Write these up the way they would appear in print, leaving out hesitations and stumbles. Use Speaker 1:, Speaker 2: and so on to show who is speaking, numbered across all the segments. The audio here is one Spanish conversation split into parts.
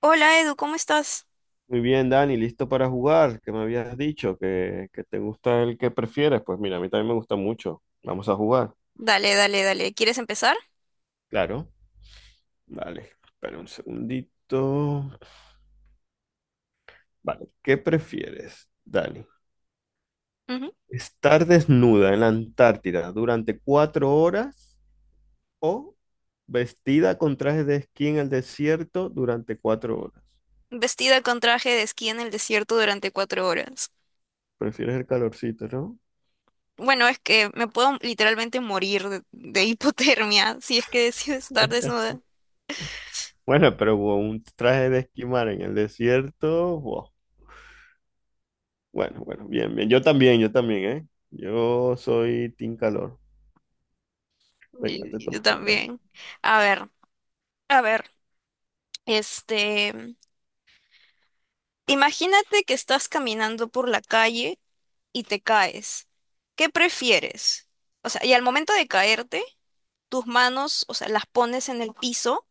Speaker 1: Hola Edu, ¿cómo estás?
Speaker 2: Muy bien, Dani, listo para jugar, que me habías dicho que te gusta el que prefieres. Pues mira, a mí también me gusta mucho. Vamos a jugar.
Speaker 1: Dale, dale, dale. ¿Quieres empezar?
Speaker 2: Claro. Vale, espera un segundito. Vale, ¿qué prefieres, Dani?
Speaker 1: Ujú.
Speaker 2: ¿Estar desnuda en la Antártida durante 4 horas o vestida con traje de esquí en el desierto durante 4 horas?
Speaker 1: Vestida con traje de esquí en el desierto durante 4 horas.
Speaker 2: Prefieres el calorcito, ¿no?
Speaker 1: Bueno, es que me puedo literalmente morir de hipotermia si es que decido estar desnuda.
Speaker 2: Bueno, pero un traje de esquimar en el desierto, wow. Bueno, bueno, bien, bien. Yo también, ¿eh? Yo soy Team Calor. Venga, te
Speaker 1: Yo
Speaker 2: toca. Dale.
Speaker 1: también. A ver, a ver. Este, imagínate que estás caminando por la calle y te caes. ¿Qué prefieres? O sea, y al momento de caerte, tus manos, o sea, las pones en el piso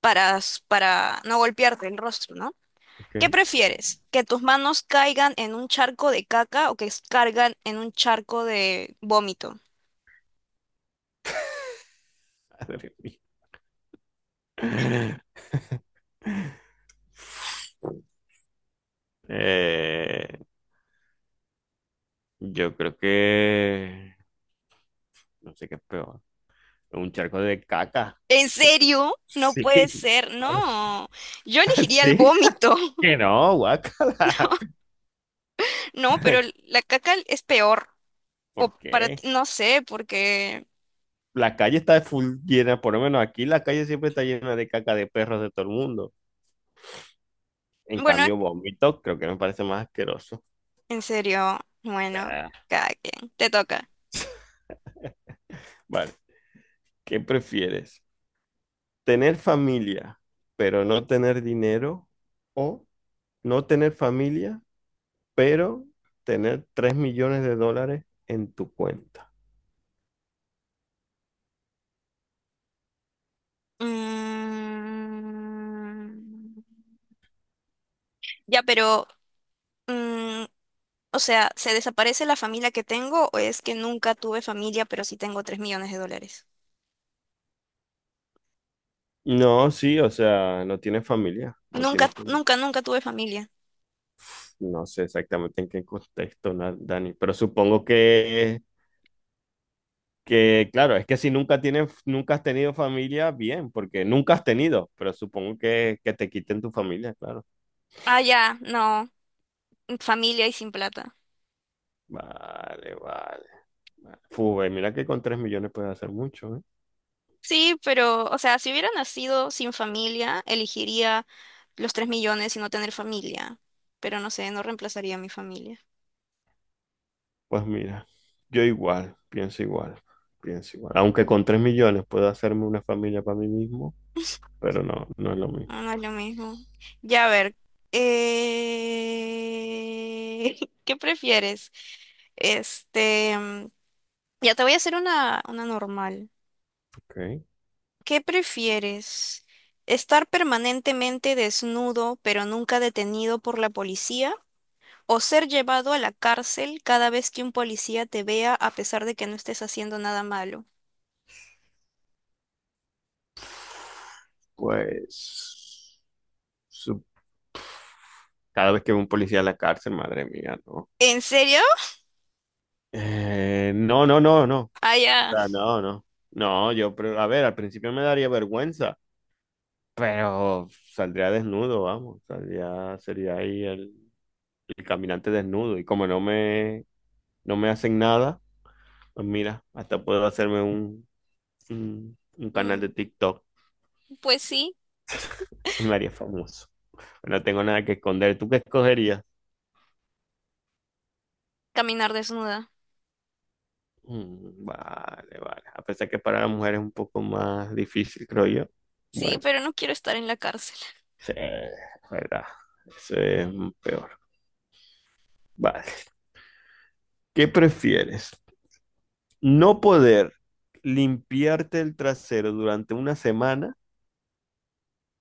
Speaker 1: para no golpearte el rostro, ¿no?
Speaker 2: Ok.
Speaker 1: ¿Qué prefieres? ¿Que tus manos caigan en un charco de caca o que caigan en un charco de vómito?
Speaker 2: Madre mía. Eh, yo creo que... No sé qué es peor. Un charco de caca.
Speaker 1: ¿En
Speaker 2: Su-
Speaker 1: serio? No
Speaker 2: Sí.
Speaker 1: puede ser,
Speaker 2: Ahora sí.
Speaker 1: no. Yo elegiría el
Speaker 2: Sí,
Speaker 1: vómito.
Speaker 2: que no, guácala.
Speaker 1: No, pero la caca es peor. O
Speaker 2: ¿Por
Speaker 1: para
Speaker 2: qué?
Speaker 1: ti, no sé, porque.
Speaker 2: La calle está full llena, por lo menos aquí la calle siempre está llena de caca de perros de todo el mundo. En
Speaker 1: Bueno,
Speaker 2: cambio, vómito creo que me parece más asqueroso. O
Speaker 1: en serio, bueno,
Speaker 2: sea,
Speaker 1: cada quien. Te toca.
Speaker 2: vale, ¿qué prefieres? ¿Tener familia, pero no tener dinero? ¿O no tener familia, pero tener 3 millones de dólares en tu cuenta?
Speaker 1: Mm, ya, pero, mm, o sea, ¿se desaparece la familia que tengo o es que nunca tuve familia, pero sí tengo $3 millones?
Speaker 2: No, sí, o sea, no tiene familia, no tiene
Speaker 1: Nunca,
Speaker 2: familia.
Speaker 1: nunca, nunca tuve familia.
Speaker 2: No sé exactamente en qué contexto, Dani, pero supongo que... Que claro, es que si nunca tienes, nunca has tenido familia, bien, porque nunca has tenido, pero supongo que te quiten tu familia, claro.
Speaker 1: Ah, ya, no, familia y sin plata.
Speaker 2: Vale, vale, vale. Fu, mira que con 3 millones puedes hacer mucho, ¿eh?
Speaker 1: Sí, pero, o sea, si hubiera nacido sin familia, elegiría los 3 millones y no tener familia. Pero no sé, no reemplazaría a mi familia.
Speaker 2: Pues mira, yo igual, pienso igual, pienso igual. Aunque con 3 millones puedo hacerme una familia para mí mismo, pero no, no es lo
Speaker 1: Ah,
Speaker 2: mismo,
Speaker 1: no es lo mismo. Ya, a ver. eh, ¿Qué prefieres? Este, mm, ya te voy a hacer una normal.
Speaker 2: ¿ok?
Speaker 1: ¿Qué prefieres? ¿Estar permanentemente desnudo pero nunca detenido por la policía? ¿O ser llevado a la cárcel cada vez que un policía te vea a pesar de que no estés haciendo nada malo?
Speaker 2: Pues su- cada vez que veo un policía en la cárcel, madre mía, ¿no?
Speaker 1: ¿En serio?
Speaker 2: No, no, no, no.
Speaker 1: Ah,
Speaker 2: O
Speaker 1: ya.
Speaker 2: sea, no, no. No, yo, pero, a ver, al principio me daría vergüenza, pero saldría desnudo, vamos. Sería ahí el caminante desnudo. Y como no me hacen nada, pues mira, hasta puedo hacerme un canal de
Speaker 1: Mm,
Speaker 2: TikTok
Speaker 1: pues sí,
Speaker 2: y me haría famoso. No tengo nada que esconder. ¿Tú qué escogerías?
Speaker 1: caminar desnuda.
Speaker 2: Mm, vale, vale. A pesar que para las mujeres es un poco más difícil, creo yo.
Speaker 1: Sí,
Speaker 2: Bueno.
Speaker 1: pero no quiero estar en la cárcel.
Speaker 2: Sí, verdad. Eso es peor. Vale. ¿Qué prefieres? ¿No poder limpiarte el trasero durante una semana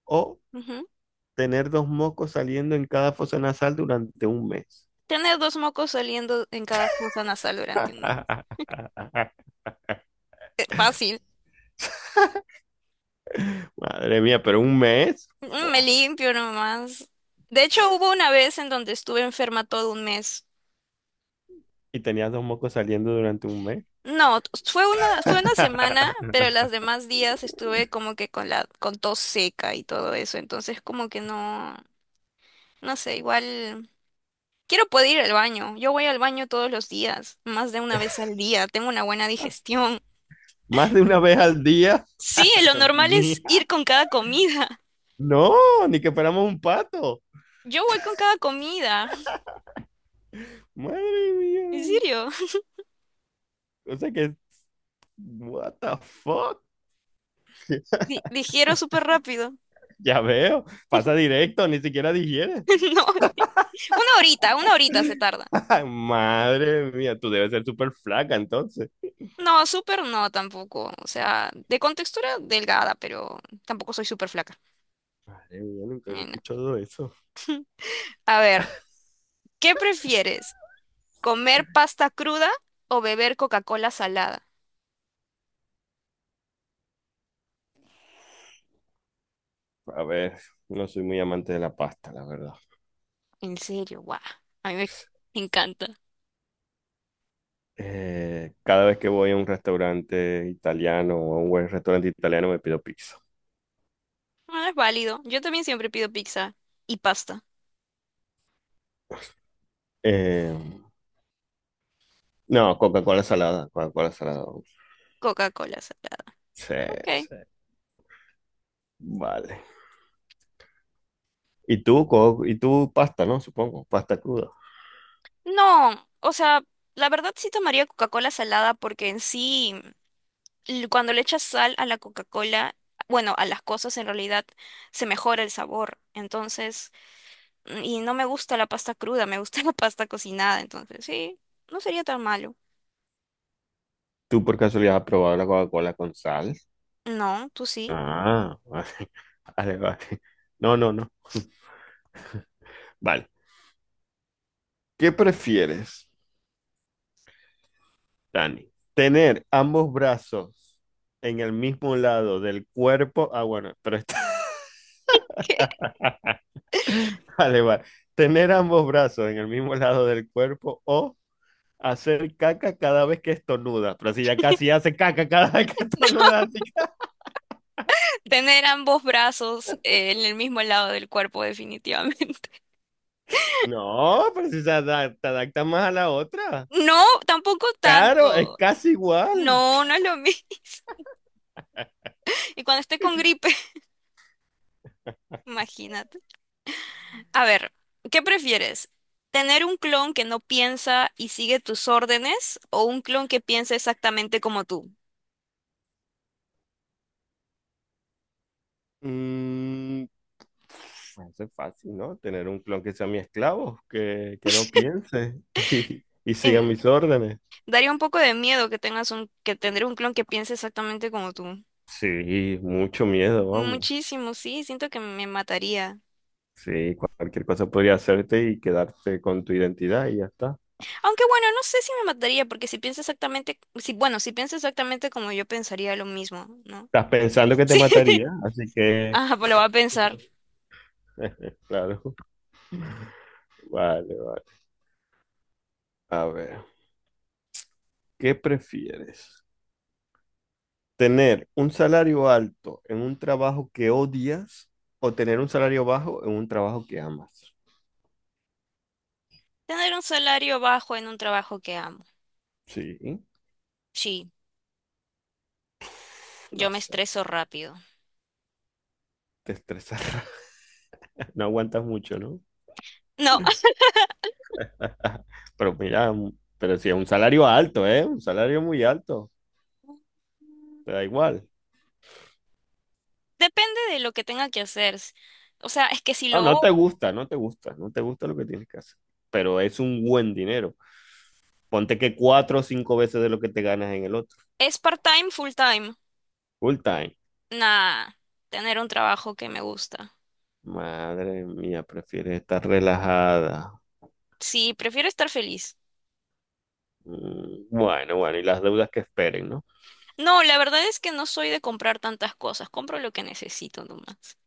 Speaker 2: o
Speaker 1: Ujú.
Speaker 2: tener dos mocos saliendo en cada fosa nasal durante un mes?
Speaker 1: Tener dos mocos saliendo en cada fosa nasal durante un mes. Fácil.
Speaker 2: Madre mía, pero un mes.
Speaker 1: Me
Speaker 2: Fua.
Speaker 1: limpio nomás. De hecho, hubo una vez en donde estuve enferma todo un mes.
Speaker 2: Y tenías dos mocos saliendo durante un mes.
Speaker 1: No, fue una semana, pero los demás días estuve como que con con tos seca y todo eso. Entonces como que no, no sé, igual quiero poder ir al baño. Yo voy al baño todos los días, más de una vez al día. Tengo una buena digestión.
Speaker 2: Más de una vez al día.
Speaker 1: Sí, lo
Speaker 2: Madre
Speaker 1: normal es
Speaker 2: mía.
Speaker 1: ir con cada comida.
Speaker 2: No, ni que fuéramos un pato.
Speaker 1: Yo voy con cada comida.
Speaker 2: Madre
Speaker 1: En
Speaker 2: mía.
Speaker 1: serio.
Speaker 2: O sea que what the fuck?
Speaker 1: Digiero súper rápido.
Speaker 2: Ya veo, pasa directo, ni siquiera digiere.
Speaker 1: No, sí. Una horita se tarda.
Speaker 2: Ay, madre mía, tú debes ser súper flaca entonces.
Speaker 1: No, súper no tampoco. O sea, de contextura delgada, pero tampoco soy súper flaca.
Speaker 2: Madre mía, nunca había
Speaker 1: Ni nada.
Speaker 2: escuchado eso.
Speaker 1: A ver, ¿qué prefieres? ¿Comer pasta cruda o beber Coca-Cola salada?
Speaker 2: A ver, no soy muy amante de la pasta, la verdad.
Speaker 1: En serio, guau. A mí me encanta.
Speaker 2: Cada vez que voy a un restaurante italiano o a un buen restaurante italiano me pido pizza.
Speaker 1: Bueno, es válido. Yo también siempre pido pizza y pasta.
Speaker 2: Eh, no, Coca-Cola salada, Coca-Cola salada.
Speaker 1: Coca-Cola salada.
Speaker 2: Sí,
Speaker 1: Ok.
Speaker 2: sí, vale. ¿Y tú, y tú pasta, no? Supongo, pasta cruda.
Speaker 1: No, o sea, la verdad sí tomaría Coca-Cola salada porque en sí. Cuando le echas sal a la Coca-Cola, bueno, a las cosas en realidad se mejora el sabor. Entonces, y no me gusta la pasta cruda, me gusta la pasta cocinada. Entonces, sí, no sería tan malo.
Speaker 2: ¿Tú por casualidad has probado la Coca-Cola con sal?
Speaker 1: No, tú sí.
Speaker 2: Ah, vale, vale, vale. No, no, no. Vale. ¿Qué prefieres, Dani? ¿Tener ambos brazos en el mismo lado del cuerpo? Ah, bueno, pero está, vale, vale. ¿Tener ambos brazos en el mismo lado del cuerpo o hacer caca cada vez que estornuda? Pero si ya casi hace caca cada vez que estornuda. Así que-
Speaker 1: Tener ambos brazos en el mismo lado del cuerpo, definitivamente.
Speaker 2: No, pero si se adapta más a la otra.
Speaker 1: No, tampoco
Speaker 2: Claro, es
Speaker 1: tanto.
Speaker 2: casi igual.
Speaker 1: No, no es lo mismo. Y cuando esté con gripe, imagínate. A ver, ¿qué prefieres? ¿Tener un clon que no piensa y sigue tus órdenes o un clon que piensa exactamente como tú?
Speaker 2: Mm, Bueno, eso es fácil, ¿no? Tener un clon que sea mi esclavo, que no piense y siga
Speaker 1: Eh,
Speaker 2: mis órdenes.
Speaker 1: daría un poco de miedo que tener un clon que piense exactamente como tú.
Speaker 2: Sí, mucho miedo, vamos.
Speaker 1: Muchísimo, sí, siento que me mataría.
Speaker 2: Sí, cualquier cosa podría hacerte y quedarte con tu identidad y ya está.
Speaker 1: Aunque bueno, no sé si me mataría, porque si piensa exactamente, si, bueno, si piensa exactamente como yo pensaría lo mismo, ¿no?
Speaker 2: Estás pensando que te mataría,
Speaker 1: Sí.
Speaker 2: así que,
Speaker 1: Ah, pues lo va a pensar.
Speaker 2: claro. Vale, vale. A ver, ¿qué prefieres? ¿Tener un salario alto en un trabajo que odias o tener un salario bajo en un trabajo que amas?
Speaker 1: Tener un salario bajo en un trabajo que amo.
Speaker 2: Sí,
Speaker 1: Sí, yo
Speaker 2: no
Speaker 1: me
Speaker 2: sé,
Speaker 1: estreso rápido.
Speaker 2: te estresará. No aguantas mucho, ¿no?
Speaker 1: No.
Speaker 2: Pero mira, pero si es un salario alto, ¿eh? Un salario muy alto, te da igual.
Speaker 1: Depende de lo que tenga que hacer. O sea, es que si
Speaker 2: No, no
Speaker 1: lo
Speaker 2: te gusta, no te gusta, no te gusta lo que tienes que hacer, pero es un buen dinero. Ponte que cuatro o cinco veces de lo que te ganas en el otro,
Speaker 1: es part-time, full-time,
Speaker 2: full time.
Speaker 1: nada, tener un trabajo que me gusta.
Speaker 2: Madre mía, prefieres estar relajada.
Speaker 1: Sí, prefiero estar feliz.
Speaker 2: Bueno, bueno, y las deudas que esperen, ¿no?
Speaker 1: No, la verdad es que no soy de comprar tantas cosas, compro lo que necesito nomás.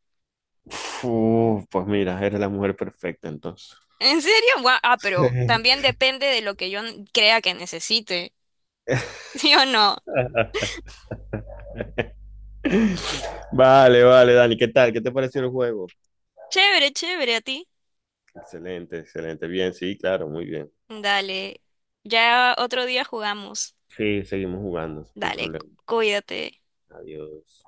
Speaker 2: Uf, pues mira, eres la mujer perfecta entonces.
Speaker 1: ¿En serio? Gua- Ah, pero también depende de lo que yo crea que necesite. ¿Sí o no?
Speaker 2: Vale, vale, Dani, ¿qué tal? ¿Qué te pareció el juego?
Speaker 1: Chévere, chévere, a ti.
Speaker 2: Excelente, excelente. Bien, sí, claro, muy bien.
Speaker 1: Dale, ya otro día jugamos.
Speaker 2: Sí, seguimos jugando, sin
Speaker 1: Dale,
Speaker 2: problema.
Speaker 1: cuídate.
Speaker 2: Adiós.